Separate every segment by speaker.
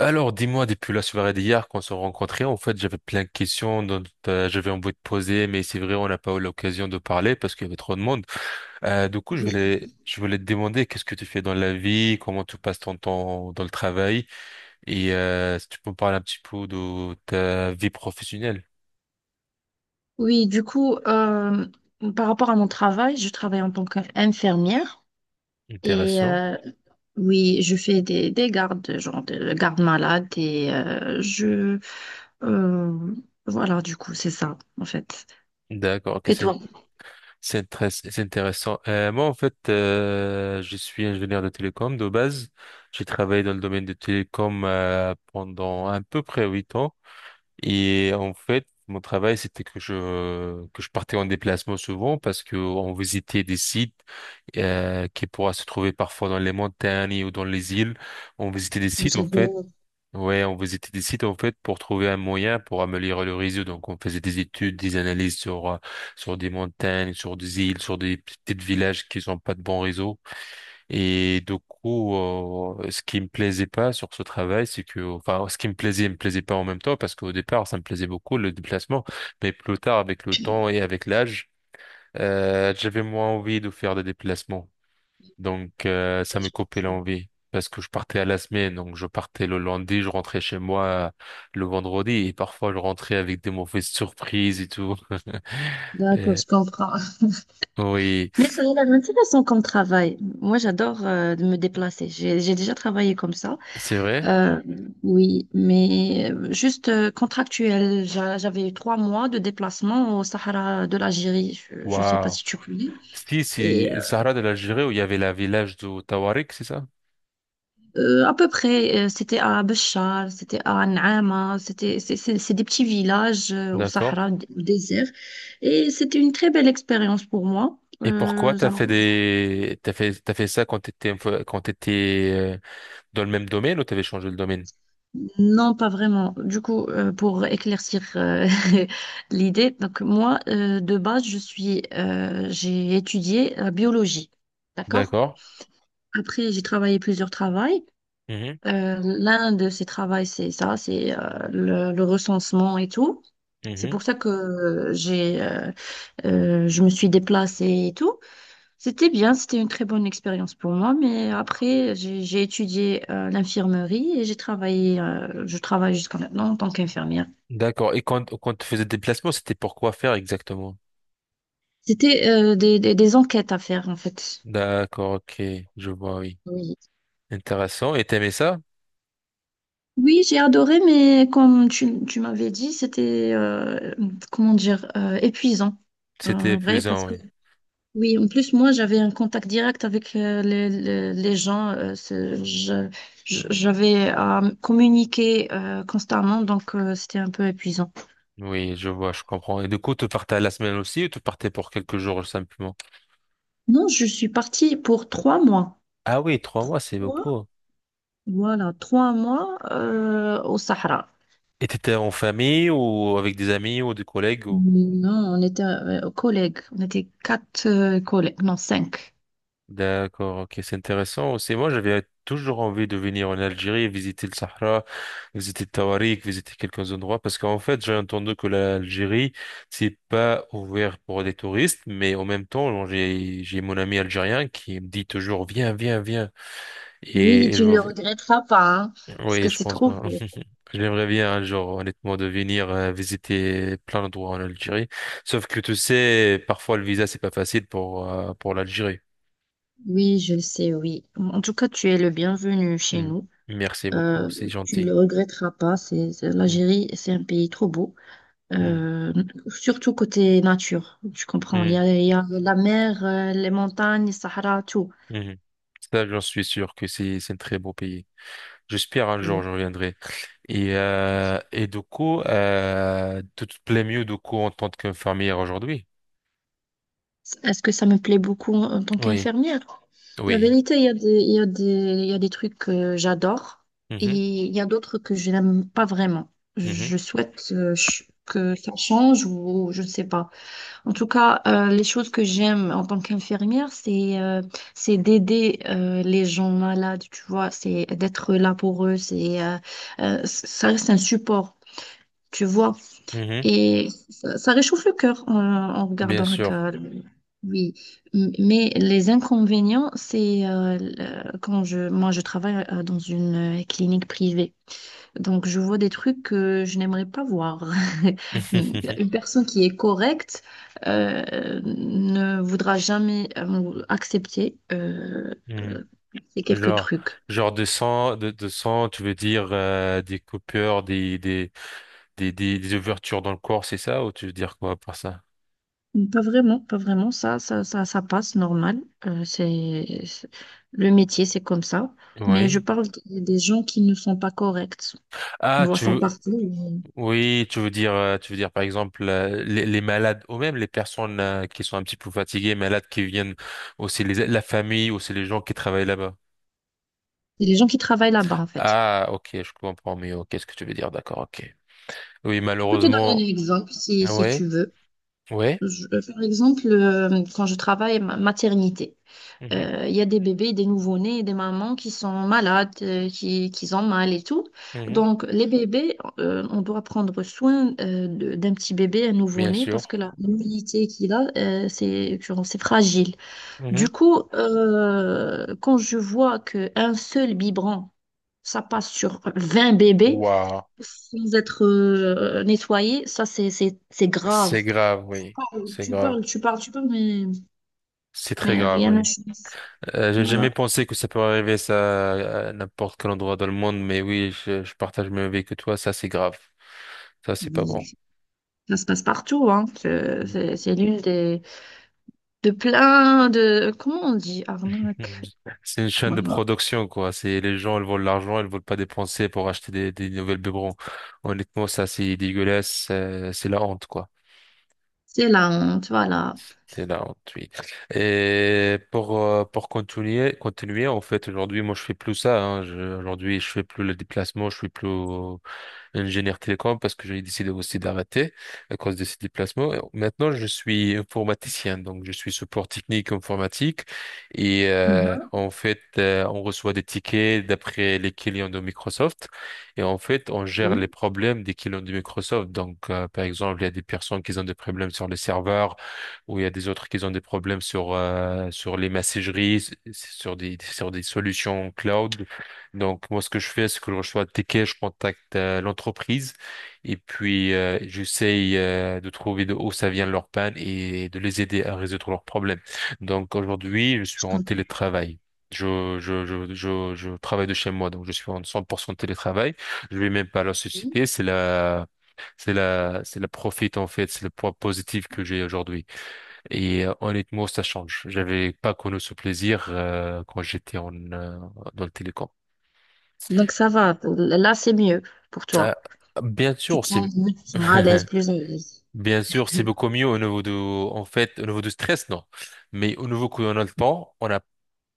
Speaker 1: Alors, dis-moi, depuis la soirée d'hier, qu'on s'est rencontrés, en fait, j'avais plein de questions dont j'avais envie de poser, mais c'est vrai, on n'a pas eu l'occasion de parler parce qu'il y avait trop de monde. Du coup, je
Speaker 2: Oui,
Speaker 1: voulais, je voulais te demander qu'est-ce que tu fais dans la vie, comment tu passes ton temps dans le travail, et si tu peux me parler un petit peu de ta vie professionnelle.
Speaker 2: Oui, du coup, euh, par rapport à mon travail, je travaille en tant qu'infirmière et
Speaker 1: Intéressant.
Speaker 2: euh, oui, je fais des gardes, genre de garde malade et euh, voilà, du coup, c'est ça, en fait.
Speaker 1: D'accord, ok,
Speaker 2: Et
Speaker 1: c'est
Speaker 2: toi?
Speaker 1: c'est très c'est intéressant. Moi, en fait, je suis ingénieur de télécom de base. J'ai travaillé dans le domaine de télécom pendant à peu près 8 ans. Et en fait, mon travail, c'était que je partais en déplacement souvent parce que on visitait des sites qui pourraient se trouver parfois dans les montagnes ou dans les îles. On visitait des sites, en fait.
Speaker 2: J'adore.
Speaker 1: Ouais, on visitait des sites, en fait, pour trouver un moyen pour améliorer le réseau. Donc, on faisait des études, des analyses sur, sur des montagnes, sur des îles, sur des petits villages qui n'ont pas de bon réseau. Et du coup, ce qui me plaisait pas sur ce travail, c'est que, enfin, ce qui me plaisait et me plaisait pas en même temps, parce qu'au départ, ça me plaisait beaucoup le déplacement, mais plus tard, avec le temps et avec l'âge, j'avais moins envie de faire des déplacements. Donc, ça
Speaker 2: Je
Speaker 1: me coupait
Speaker 2: comprends.
Speaker 1: l'envie, parce que je partais à la semaine, donc je partais le lundi, je rentrais chez moi le vendredi, et parfois je rentrais avec des mauvaises surprises et tout.
Speaker 2: D'accord,
Speaker 1: Et-
Speaker 2: je comprends.
Speaker 1: oui,
Speaker 2: Mais ça a l'air intéressant comme travail. Moi, j'adore me déplacer. J'ai déjà travaillé comme ça.
Speaker 1: c'est vrai.
Speaker 2: Euh, oui, mais juste contractuel. J'avais eu 3 mois de déplacement au Sahara de l'Algérie. Je ne sais pas
Speaker 1: Waouh.
Speaker 2: si tu connais.
Speaker 1: Si,
Speaker 2: Et
Speaker 1: c'est
Speaker 2: euh,
Speaker 1: Sahara de l'Algérie où il y avait la village de Tawarik, c'est ça?
Speaker 2: à peu près, c'était à Béchar, c'était à N'Ama, c'est des petits villages au
Speaker 1: D'accord.
Speaker 2: Sahara au désert. Et c'était une très belle expérience pour moi.
Speaker 1: Et pourquoi t'as fait des, t'as fait ça quand t'étais, quand t'étais dans le même domaine ou t'avais changé le domaine?
Speaker 2: Non, pas vraiment. Du coup, pour éclaircir l'idée, donc moi, de base, j'ai étudié la biologie, d'accord?
Speaker 1: D'accord.
Speaker 2: Après, j'ai travaillé plusieurs travails.
Speaker 1: Mhm,
Speaker 2: L'un de ces travaux, c'est ça, c'est le recensement et tout. C'est
Speaker 1: mhm.
Speaker 2: pour ça que je me suis déplacée et tout. C'était bien, c'était une très bonne expérience pour moi, mais après, j'ai étudié l'infirmerie et je travaille jusqu'à maintenant en tant qu'infirmière.
Speaker 1: D'accord. Et quand tu faisais des déplacements, c'était pour quoi faire exactement?
Speaker 2: C'était des enquêtes à faire, en fait.
Speaker 1: D'accord, ok. Je vois, oui.
Speaker 2: Oui.
Speaker 1: Intéressant. Et t'aimais ça?
Speaker 2: Oui, j'ai adoré, mais comme tu m'avais dit, c'était, comment dire, épuisant.
Speaker 1: C'était
Speaker 2: En vrai, parce
Speaker 1: épuisant,
Speaker 2: que,
Speaker 1: oui.
Speaker 2: oui, en plus, moi, j'avais un contact direct avec les gens. J'avais à communiquer constamment, donc c'était un peu épuisant.
Speaker 1: Oui, je vois, je comprends. Et du coup, tu partais à la semaine aussi ou tu partais pour quelques jours simplement?
Speaker 2: Non, je suis partie pour 3 mois.
Speaker 1: Ah oui, 3 mois,
Speaker 2: Trois
Speaker 1: c'est
Speaker 2: mois?
Speaker 1: beaucoup.
Speaker 2: Voilà, 3 mois au Sahara.
Speaker 1: Et t'étais en famille ou avec des amis ou des collègues ou...
Speaker 2: Non, on était collègues. On était quatre collègues. Non, cinq.
Speaker 1: D'accord, ok, c'est intéressant. Aussi, moi, j'avais toujours envie de venir en Algérie, visiter le Sahara, visiter Tawarik, visiter quelques endroits, parce qu'en fait, j'ai entendu que l'Algérie, c'est pas ouvert pour des touristes, mais en même temps, j'ai mon ami algérien qui me dit toujours, viens, viens, viens.
Speaker 2: Oui,
Speaker 1: Et elle-
Speaker 2: tu ne le regretteras pas, hein, parce
Speaker 1: Oui,
Speaker 2: que
Speaker 1: je
Speaker 2: c'est
Speaker 1: pense
Speaker 2: trop
Speaker 1: pas.
Speaker 2: beau.
Speaker 1: J'aimerais bien un jour, honnêtement, de venir visiter plein d'endroits en Algérie. Sauf que tu sais, parfois le visa, c'est pas facile pour l'Algérie.
Speaker 2: Oui, je le sais, oui. En tout cas, tu es le bienvenu chez
Speaker 1: Mm.
Speaker 2: nous.
Speaker 1: Merci beaucoup,
Speaker 2: Euh,
Speaker 1: c'est
Speaker 2: Tu ne
Speaker 1: gentil.
Speaker 2: le regretteras pas.
Speaker 1: Mm.
Speaker 2: L'Algérie, c'est un pays trop beau.
Speaker 1: Mm.
Speaker 2: Euh, Surtout côté nature, tu comprends. Il y
Speaker 1: Mm.
Speaker 2: a, il y a la mer, les montagnes, le Sahara, tout.
Speaker 1: Mhm. Ça, j'en suis sûr que c'est un très beau pays. J'espère un jour,
Speaker 2: Oui.
Speaker 1: je reviendrai. Et du coup, tu te plais mieux du coup en tant qu'infirmière aujourd'hui?
Speaker 2: Est-ce que ça me plaît beaucoup en tant
Speaker 1: Oui,
Speaker 2: qu'infirmière? La
Speaker 1: oui.
Speaker 2: vérité, il y a des trucs que j'adore et
Speaker 1: Mhm.
Speaker 2: il y a d'autres que je n'aime pas vraiment.
Speaker 1: Mhm.
Speaker 2: Je souhaite que ça change ou je ne sais pas. En tout cas, les choses que j'aime en tant qu'infirmière, c'est d'aider les gens malades, tu vois, c'est d'être là pour eux, ça reste un support, tu vois.
Speaker 1: Mhm.
Speaker 2: Et ça réchauffe le cœur en
Speaker 1: Bien
Speaker 2: regardant
Speaker 1: sûr.
Speaker 2: Hakka. Oui, mais les inconvénients, quand je travaille dans une clinique privée, donc je vois des trucs que je n'aimerais pas voir. Une personne qui est correcte ne voudra jamais accepter euh, ces quelques
Speaker 1: Genre,
Speaker 2: trucs.
Speaker 1: genre de sang, de sang, tu veux dire des coupures, des ouvertures dans le corps, c'est ça? Ou tu veux dire quoi par ça?
Speaker 2: Pas vraiment, pas vraiment. Ça passe normal. Le métier, c'est comme ça. Mais je
Speaker 1: Oui.
Speaker 2: parle des gens qui ne sont pas corrects. On
Speaker 1: Ah,
Speaker 2: voit
Speaker 1: tu
Speaker 2: ça
Speaker 1: veux,
Speaker 2: partout, mais
Speaker 1: oui, tu veux dire par exemple les malades ou même les personnes qui sont un petit peu fatiguées, malades qui viennent aussi les, la famille, aussi les gens qui travaillent là-bas.
Speaker 2: c'est les gens qui travaillent là-bas, en fait.
Speaker 1: Ah, ok, je comprends mieux. Quest ce que tu veux dire, d'accord, ok. Oui,
Speaker 2: Je peux te donner
Speaker 1: malheureusement,
Speaker 2: un exemple si,
Speaker 1: ah
Speaker 2: si
Speaker 1: ouais,
Speaker 2: tu veux.
Speaker 1: ouais,
Speaker 2: Par exemple, quand je travaille maternité.
Speaker 1: mhm,
Speaker 2: Il y a des bébés, des nouveau-nés, des mamans qui sont malades, qui ont mal et tout.
Speaker 1: mhm,
Speaker 2: Donc, les bébés, on doit prendre soin d'un petit bébé, un
Speaker 1: bien
Speaker 2: nouveau-né,
Speaker 1: sûr.
Speaker 2: parce que la mobilité qu'il a, c'est genre, c'est fragile. Du
Speaker 1: Mhm.
Speaker 2: coup, quand je vois qu'un seul biberon, ça passe sur 20 bébés
Speaker 1: Waouh.
Speaker 2: sans être nettoyé, c'est
Speaker 1: C'est
Speaker 2: grave.
Speaker 1: grave, oui. C'est
Speaker 2: Tu
Speaker 1: grave.
Speaker 2: parles, tu parles, tu parles, mais,
Speaker 1: C'est très grave,
Speaker 2: rien n'a
Speaker 1: oui.
Speaker 2: changé.
Speaker 1: J'ai
Speaker 2: Voilà.
Speaker 1: jamais pensé que ça peut arriver ça à n'importe quel endroit dans le monde, mais oui, je partage le même avis que toi. Ça, c'est grave. Ça, c'est pas bon.
Speaker 2: Ça se passe partout, hein. C'est l'une des de plein de comment on dit arnaque.
Speaker 1: C'est une chaîne de
Speaker 2: Voilà.
Speaker 1: production, quoi. C'est les gens, ils veulent l'argent, ils veulent pas dépenser pour acheter des nouvelles biberons. Honnêtement, ça, c'est dégueulasse. C'est la honte, quoi.
Speaker 2: C'est la honte, voilà.
Speaker 1: C'est la oui. Et pour continuer, en fait, aujourd'hui, moi, je fais plus ça, hein. Aujourd'hui, je fais plus le déplacement, je fais plus, ingénieur télécom parce que j'ai décidé aussi d'arrêter à cause de ces déplacements. Et Maintenant, je suis informaticien, donc je suis support technique informatique et
Speaker 2: Mhm.
Speaker 1: en fait, on reçoit des tickets d'après les clients de Microsoft et en fait, on gère les
Speaker 2: Oui,
Speaker 1: problèmes des clients de Microsoft. Donc, par exemple, il y a des personnes qui ont des problèmes sur les serveurs ou il y a des autres qui ont des problèmes sur sur les messageries, sur des solutions cloud. Donc, moi, ce que je fais, c'est que je reçois le ticket, je contacte l'entreprise et puis j'essaye de trouver de où ça vient leur panne et de les aider à résoudre leurs problèmes. Donc, aujourd'hui, je
Speaker 2: je
Speaker 1: suis en
Speaker 2: comprends.
Speaker 1: télétravail. Je travaille de chez moi, donc je suis en 100% télétravail. Je vais même pas à la société, c'est la... C'est la, c'est la profit en fait, c'est le point positif que j'ai aujourd'hui. Et honnêtement, ça change. J'avais pas connu ce plaisir quand j'étais en dans le télécom.
Speaker 2: Donc ça va. Là, c'est mieux pour
Speaker 1: Ah,
Speaker 2: toi.
Speaker 1: bien
Speaker 2: Tu
Speaker 1: sûr,
Speaker 2: te
Speaker 1: c'est
Speaker 2: sens mieux, tu te sens à l'aise, plus à l'aise.
Speaker 1: bien sûr, c'est beaucoup mieux au niveau de, en fait, au niveau du stress, non. Mais au niveau qu'on a le temps, on n'a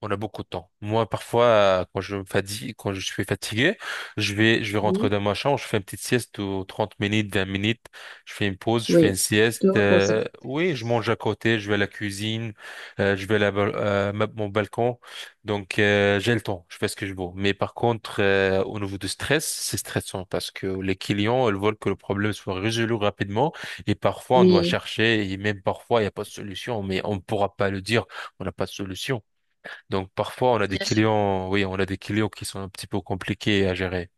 Speaker 1: on a beaucoup de temps. Moi, parfois, quand je me fatigue, quand je suis fatigué, je vais rentrer
Speaker 2: Oui.
Speaker 1: dans ma chambre, je fais une petite sieste de 30 minutes, 20 minutes, je fais une pause, je fais
Speaker 2: Oui.
Speaker 1: une
Speaker 2: Tu
Speaker 1: sieste.
Speaker 2: te reposes.
Speaker 1: Oui, je mange à côté, je vais à la cuisine, je vais à la mon balcon. Donc, j'ai le temps, je fais ce que je veux. Mais par contre, au niveau du stress, c'est stressant parce que les clients, ils veulent que le problème soit résolu rapidement et parfois, on doit
Speaker 2: Oui,
Speaker 1: chercher et même parfois, il n'y a pas de solution, mais on ne pourra pas le dire, on n'a pas de solution. Donc parfois on a des
Speaker 2: bien sûr.
Speaker 1: clients, oui, on a des clients qui sont un petit peu compliqués à gérer.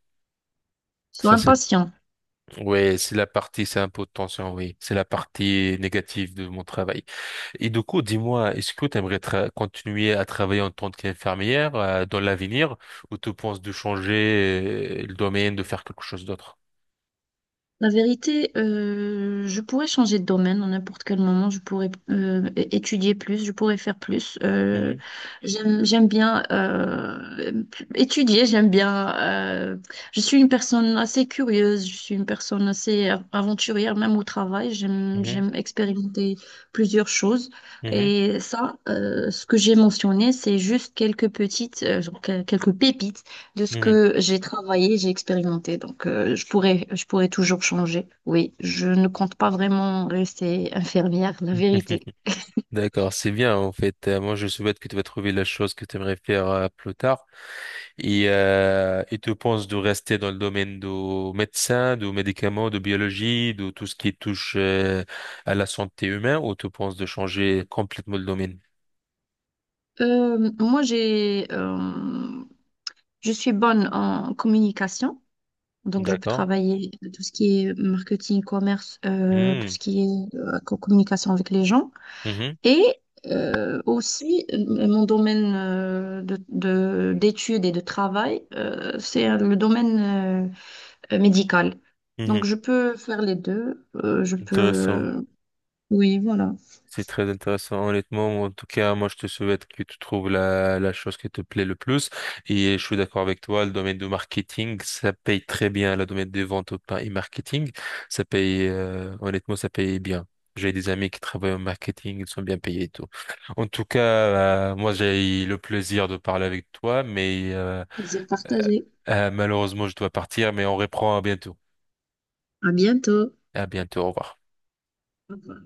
Speaker 2: Sois
Speaker 1: Ça c'est,
Speaker 2: impatient.
Speaker 1: ouais, c'est la partie, c'est un peu de tension, oui, c'est la partie négative de mon travail. Et du coup, dis-moi, est-ce que tu aimerais continuer à travailler en tant qu'infirmière dans l'avenir ou tu penses de changer le domaine, de faire quelque chose d'autre?
Speaker 2: La vérité, je pourrais changer de domaine à n'importe quel moment, je pourrais étudier plus, je pourrais faire plus.
Speaker 1: Mhm,
Speaker 2: J'aime bien étudier, j'aime bien... je suis une personne assez curieuse, je suis une personne assez aventurière, même au travail, j'aime,
Speaker 1: mhm,
Speaker 2: j'aime expérimenter plusieurs choses.
Speaker 1: mhm,
Speaker 2: Et ça, ce que j'ai mentionné, c'est juste quelques petites, genre, quelques pépites de ce
Speaker 1: mhm.
Speaker 2: que j'ai travaillé, j'ai expérimenté. Donc, je pourrais toujours changer. Oui, je ne compte pas vraiment rester infirmière, la vérité.
Speaker 1: D'accord, c'est bien en fait. Moi, je souhaite que tu vas trouver la chose que tu aimerais faire plus tard. Et tu penses de rester dans le domaine du médecin, du médicament, de biologie, de tout ce qui touche à la santé humaine, ou tu penses de changer complètement le domaine?
Speaker 2: Moi, je suis bonne en communication. Donc, je peux
Speaker 1: D'accord.
Speaker 2: travailler tout ce qui est marketing, commerce, tout
Speaker 1: Hmm.
Speaker 2: ce qui est communication avec les gens.
Speaker 1: Mhm.
Speaker 2: Et aussi, mon domaine d'études et de travail, c'est le domaine euh, médicale.
Speaker 1: Mhm.
Speaker 2: Donc, je peux faire les deux. Je
Speaker 1: Intéressant.
Speaker 2: peux... Oui, voilà.
Speaker 1: C'est très intéressant, honnêtement. En tout cas, moi, je te souhaite que tu trouves la, la chose qui te plaît le plus. Et je suis d'accord avec toi, le domaine du marketing, ça paye très bien. Le domaine des ventes au pain et marketing, ça paye, honnêtement, ça paye bien. J'ai des amis qui travaillent au marketing, ils sont bien payés et tout. En tout cas, moi, j'ai eu le plaisir de parler avec toi, mais
Speaker 2: Plaisir
Speaker 1: euh,
Speaker 2: partagé.
Speaker 1: malheureusement, je dois partir, mais on reprend à bientôt.
Speaker 2: À bientôt.
Speaker 1: À bientôt, au revoir.
Speaker 2: Au revoir.